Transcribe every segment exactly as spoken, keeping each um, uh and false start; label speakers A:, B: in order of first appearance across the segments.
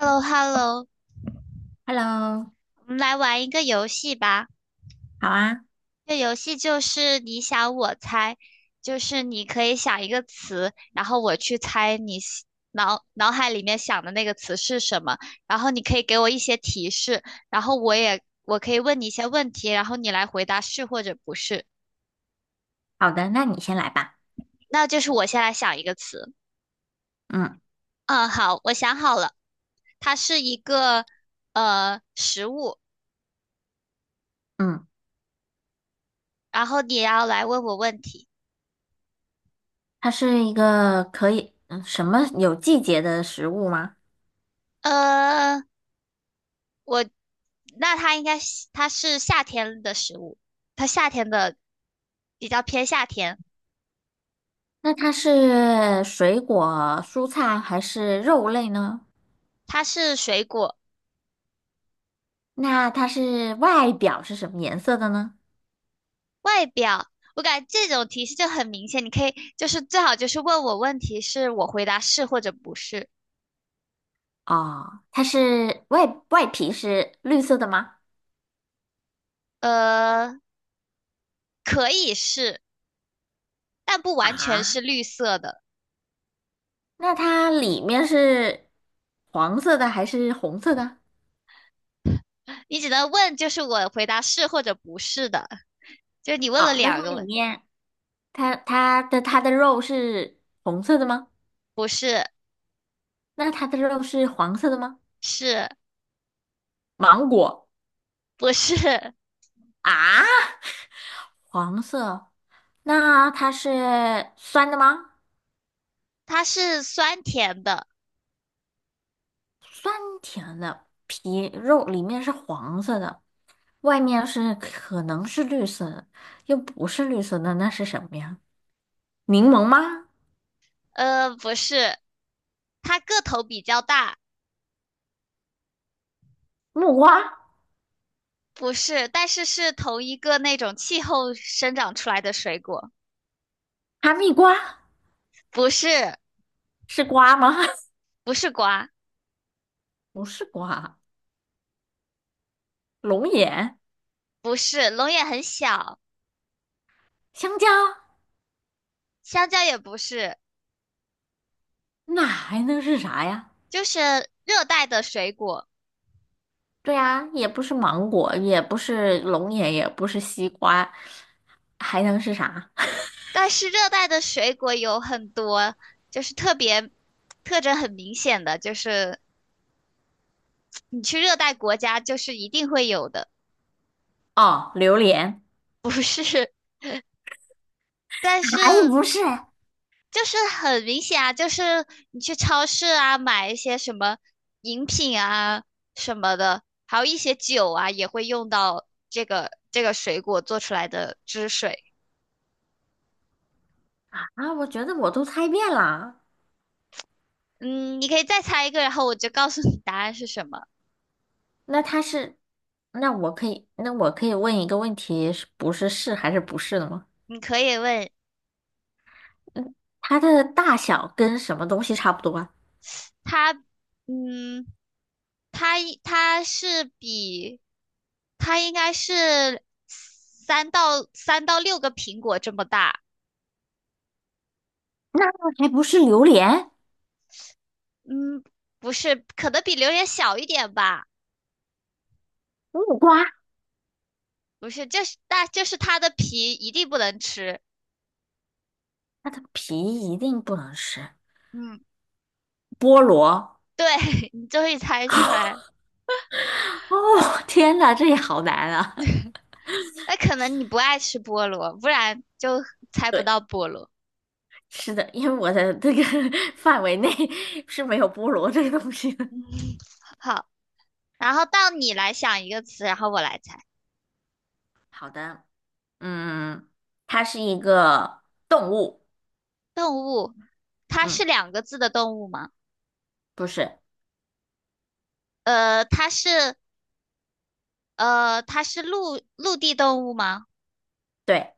A: h e l l o h e l l o
B: Hello，
A: 我们来玩一个游戏吧。
B: 好啊，
A: 这游戏就是你想我猜，就是你可以想一个词，然后我去猜你喜脑脑海里面想的那个词是什么，然后你可以给我一些提示，然后我也我可以问你一些问题，然后你来回答是或者不是。
B: 好的，那你先来吧。
A: 那就是我先来想一个词。
B: 嗯
A: 嗯，好，我想好了，它是一个呃食物，
B: 嗯，
A: 然后你要来问我问题。
B: 它是一个可以，嗯，什么有季节的食物吗？
A: 呃，我那它应该是它是夏天的食物，它夏天的比较偏夏天，
B: 那它是水果、蔬菜还是肉类呢？
A: 它是水果。
B: 那它是外表是什么颜色的呢？
A: 外表，我感觉这种提示就很明显，你可以就是最好就是问我问题，是我回答是或者不是。
B: 哦，它是外外皮是绿色的吗？
A: 呃，可以是，但不完全
B: 啊，
A: 是绿色的，
B: 那它里面是黄色的还是红色的？
A: 你只能问就是我回答是或者不是的。就是你问了
B: 哦，那它
A: 两个
B: 里
A: 问，
B: 面它它的它的肉是红色的吗？
A: 是
B: 那它的肉是黄色的吗？
A: 是
B: 芒果
A: 不是？
B: 啊，黄色，那它是酸的吗？
A: 它是酸甜的。
B: 酸甜的，皮肉里面是黄色的，外面是可能是绿色的，又不是绿色的，那是什么呀？柠檬吗？
A: 呃，不是，它个头比较大，
B: 木瓜？
A: 不是，但是是同一个那种气候生长出来的水果，
B: 哈密瓜？
A: 不是，
B: 是瓜吗？
A: 不是瓜，
B: 不是瓜，龙眼、
A: 不是，龙眼很小，
B: 香蕉，
A: 香蕉也不是，
B: 那还能是啥呀？
A: 就是热带的水果。
B: 对呀，也不是芒果，也不是龙眼，也不是西瓜，还能是啥？
A: 但是热带的水果有很多，就是特别特征很明显的，就是你去热带国家就是一定会有的，
B: 哦，榴莲。
A: 不是，但是
B: 还不是？啊，
A: 就是很明显啊，就是你去超市啊买一些什么饮品啊什么的，还有一些酒啊，也会用到这个这个水果做出来的汁水。
B: 我觉得我都猜遍了。
A: 嗯，你可以再猜一个，然后我就告诉你答案是什么。
B: 那它是，那我可以，那我可以问一个问题，是不是是还是不是的吗？
A: 你可以问
B: 嗯，它的大小跟什么东西差不多啊？
A: 它，嗯，它它是比它应该是三到三到六个苹果这么大，
B: 那还不是榴莲、
A: 嗯，不是，可能比榴莲小一点吧。
B: 木瓜？
A: 不是，就是但就是它的皮一定不能吃。
B: 它的皮一定不能吃。
A: 嗯，
B: 菠萝。
A: 对，你终于猜出来了
B: 哦，天哪，这也好难啊！
A: 那可能你不爱吃菠萝，不然就 猜不
B: 对。
A: 到菠萝。
B: 是的，因为我的这个 范围内 是没有菠萝这个东西的。
A: 嗯好，然后到你来想一个词，然后我来猜。
B: 好的，嗯，它是一个动物，
A: 动物，它是
B: 嗯，
A: 两个字的动物吗？
B: 不是，
A: 呃，它是呃，它是陆陆地动物吗？
B: 对，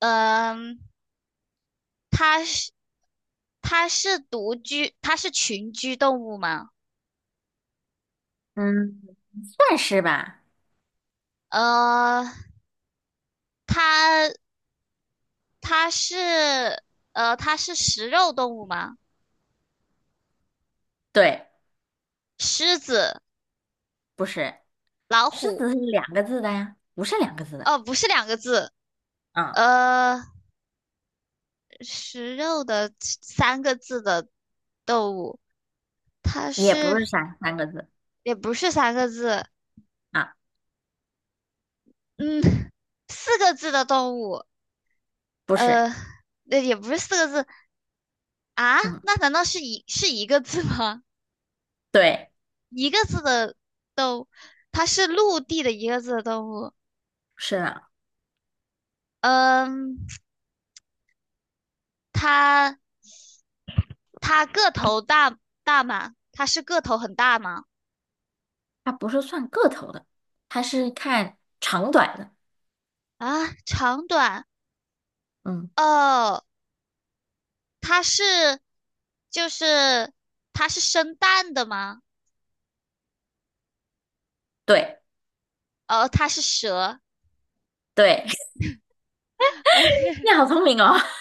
A: 嗯、它是它是独居，它是群居动物吗？
B: 嗯，算是吧，
A: 呃，它它是呃，它是食肉动物吗？
B: 对，
A: 狮子、
B: 不是，
A: 老
B: 狮子
A: 虎，
B: 是两个字的呀，不是两个字的，
A: 哦，不是两个字，
B: 嗯，
A: 呃，食肉的三个字的动物，它
B: 也不
A: 是
B: 是三三个字
A: 也不是三个字，
B: 啊，
A: 嗯，四个字的动物，
B: 不是，
A: 呃，那也不是四个字啊？
B: 嗯，
A: 那难道是一是一个字吗？
B: 对，
A: 一个字的，它是陆地的一个字的动物，
B: 是的，
A: 嗯，它它个头大大吗？它是个头很大吗？
B: 它不是算个头的，它是看长短的，
A: 啊，长短
B: 嗯，
A: 哦，它是就是它是生蛋的吗？
B: 对
A: 哦，它是蛇。
B: 对，
A: OK，
B: 你好聪明哦。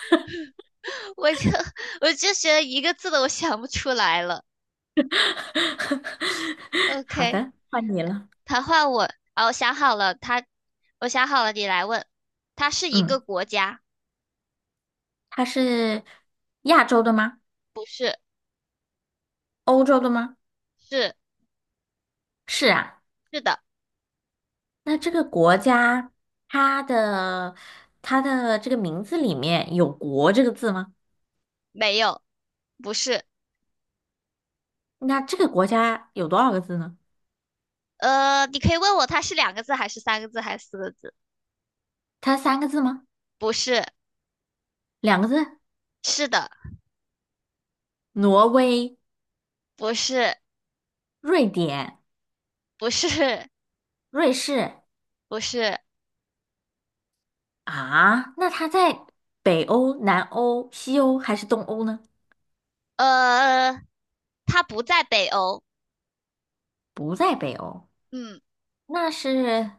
A: 我就我就觉得一个字的我想不出来了。
B: 好
A: OK，
B: 的，换你了。
A: 它换我，哦，我想好了，它我想好了，你来问。它是一个
B: 嗯，
A: 国家，
B: 他是亚洲的吗？欧洲的吗？
A: 是
B: 是啊。
A: 是的，
B: 那这个国家，它的它的这个名字里面有“国”这个字吗？
A: 没有，不是。
B: 那这个国家有多少个字呢？
A: 呃，你可以问我它是两个字还是三个字还是四个字？
B: 它三个字吗？
A: 不是，
B: 两个字？
A: 是的，
B: 挪威、
A: 不是，
B: 瑞典、
A: 不是，
B: 瑞士
A: 不是，
B: 啊？那它在北欧、南欧、西欧还是东欧呢？
A: 呃，它不在北欧，
B: 不在北欧，
A: 嗯，
B: 那是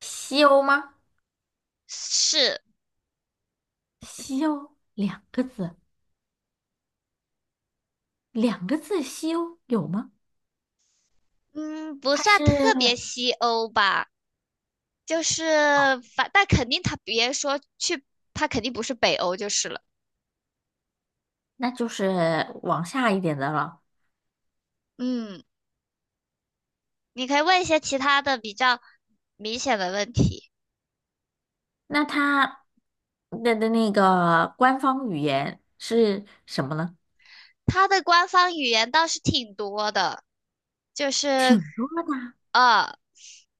B: 西欧吗？
A: 是，
B: 西欧两个字，两个字西欧有吗？
A: 嗯，不
B: 它
A: 算
B: 是，
A: 特别西欧吧，就是
B: 哦，
A: 反，但肯定它别说去，它肯定不是北欧就是了，
B: 那就是往下一点的了。
A: 嗯，你可以问一些其他的比较明显的问题，
B: 那它的的那个官方语言是什么呢？
A: 它的官方语言倒是挺多的，就是
B: 挺多的啊，
A: 呃，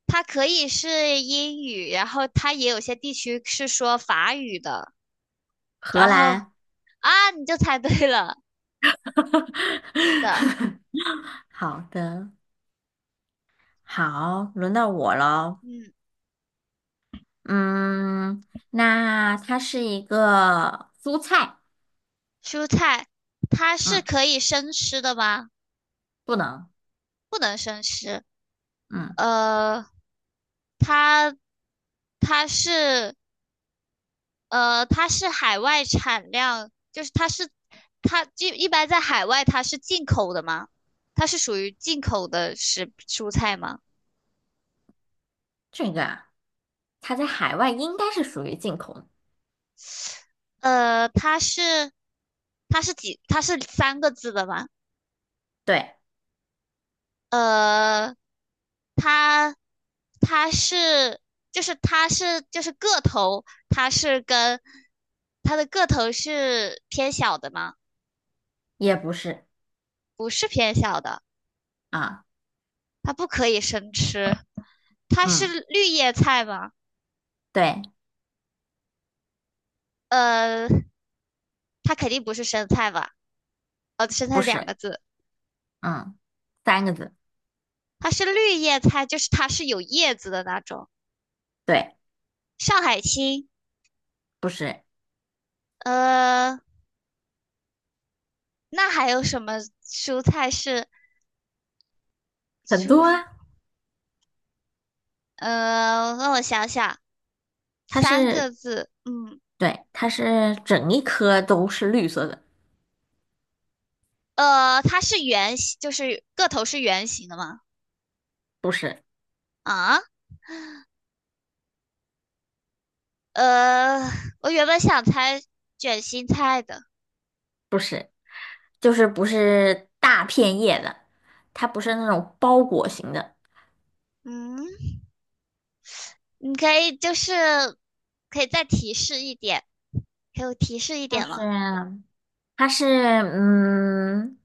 A: 它可以是英语，然后它也有些地区是说法语的。
B: 荷
A: 然后
B: 兰。
A: 啊，你就猜对了，是的，
B: 好的，好，轮到我了。
A: 嗯，
B: 嗯，那它是一个蔬菜，
A: 蔬菜它是
B: 嗯，
A: 可以生吃的吗？
B: 不能，
A: 不能生吃，
B: 嗯，
A: 呃，它它是呃它是海外产量，就是它是它就一般在海外它是进口的吗？它是属于进口的食蔬菜吗？
B: 这个啊，它在海外应该是属于进口的。
A: 呃，它是它是几它是三个字的吗？
B: 对。
A: 呃，它它是就是它是就是个头，它是跟它的个头是偏小的吗？
B: 也不是
A: 不是偏小的，
B: 啊，
A: 它不可以生吃。它是
B: 嗯，
A: 绿叶菜吗？
B: 对，
A: 呃，它肯定不是生菜吧？哦，生
B: 不
A: 菜两
B: 是，
A: 个字，
B: 嗯，三个字，
A: 它是绿叶菜，就是它是有叶子的那种。
B: 对，
A: 上海青，
B: 不是，
A: 呃，那还有什么蔬菜是
B: 很
A: 蔬？
B: 多啊，
A: 呃，让我想想，
B: 它
A: 三
B: 是，
A: 个字，嗯，
B: 对，它是整一颗都是绿色的，
A: 呃，它是圆形，就是个头是圆形的吗？
B: 不是，
A: 啊，呃，我原本想猜卷心菜的，
B: 不是，就是不是大片叶的，它不是那种包裹型的，
A: 嗯，你可以就是可以再提示一点，给我提示一
B: 就
A: 点
B: 是
A: 吗？
B: 它是，嗯，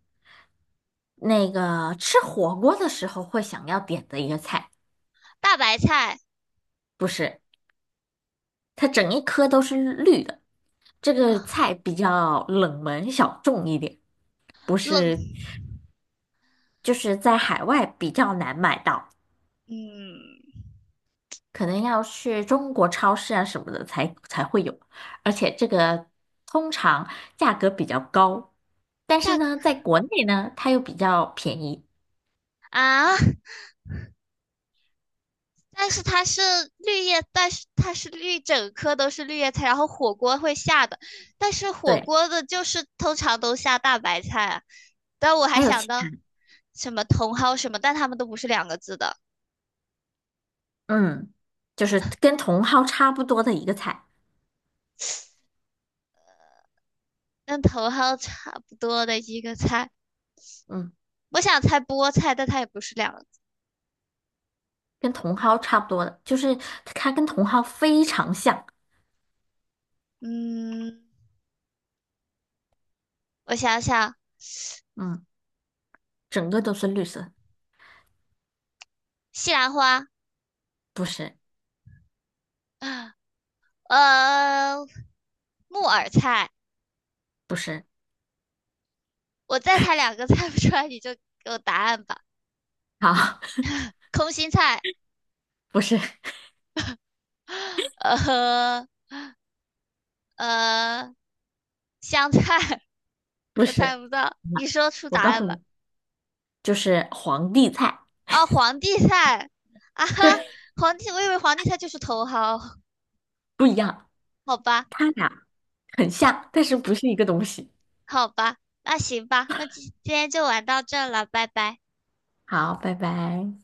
B: 那个吃火锅的时候会想要点的一个菜，
A: 大白菜
B: 不是。它整一颗都是绿的。这个
A: 啊，
B: 菜比较冷门小众一点，不
A: 冷，
B: 是，就是在海外比较难买到，
A: 嗯，
B: 可能要去中国超市啊什么的才才会有，而且这个通常价格比较高，但是
A: 价格
B: 呢，在国内呢，它又比较便宜。
A: 啊，但是它是绿叶，但是它是绿，整颗都是绿叶菜，然后火锅会下的，但是火
B: 对，
A: 锅的就是通常都下大白菜啊。但我还
B: 还有
A: 想
B: 其
A: 到
B: 他，
A: 什么茼蒿什么，但它们都不是两个字的，
B: 嗯，就是跟茼蒿差不多的一个菜，
A: 跟茼蒿差不多的一个菜。
B: 嗯，
A: 我想猜菠菜，但它也不是两个字。
B: 跟茼蒿差不多的，就是它跟茼蒿非常像，
A: 嗯，我想想，
B: 嗯。整个都是绿色，
A: 西兰花，
B: 不是，
A: 呃，木耳菜。
B: 不是，
A: 我再猜两个 猜不出来，你就给我答案吧。
B: 好，
A: 空心菜。
B: 不是，
A: 呃，呃，香菜，
B: 不
A: 我猜
B: 是，
A: 不到，
B: 那
A: 你说出
B: 我
A: 答
B: 告诉
A: 案吧。
B: 你，就是皇帝菜，
A: 哦，皇帝菜啊哈，
B: 对，
A: 皇帝，我以为皇帝菜就是茼蒿，
B: 不一样，
A: 好吧，
B: 它俩很
A: 他
B: 像，但是不是一个东西。
A: 好吧，那行吧，那今今天就玩到这了，拜拜。
B: 好，拜拜。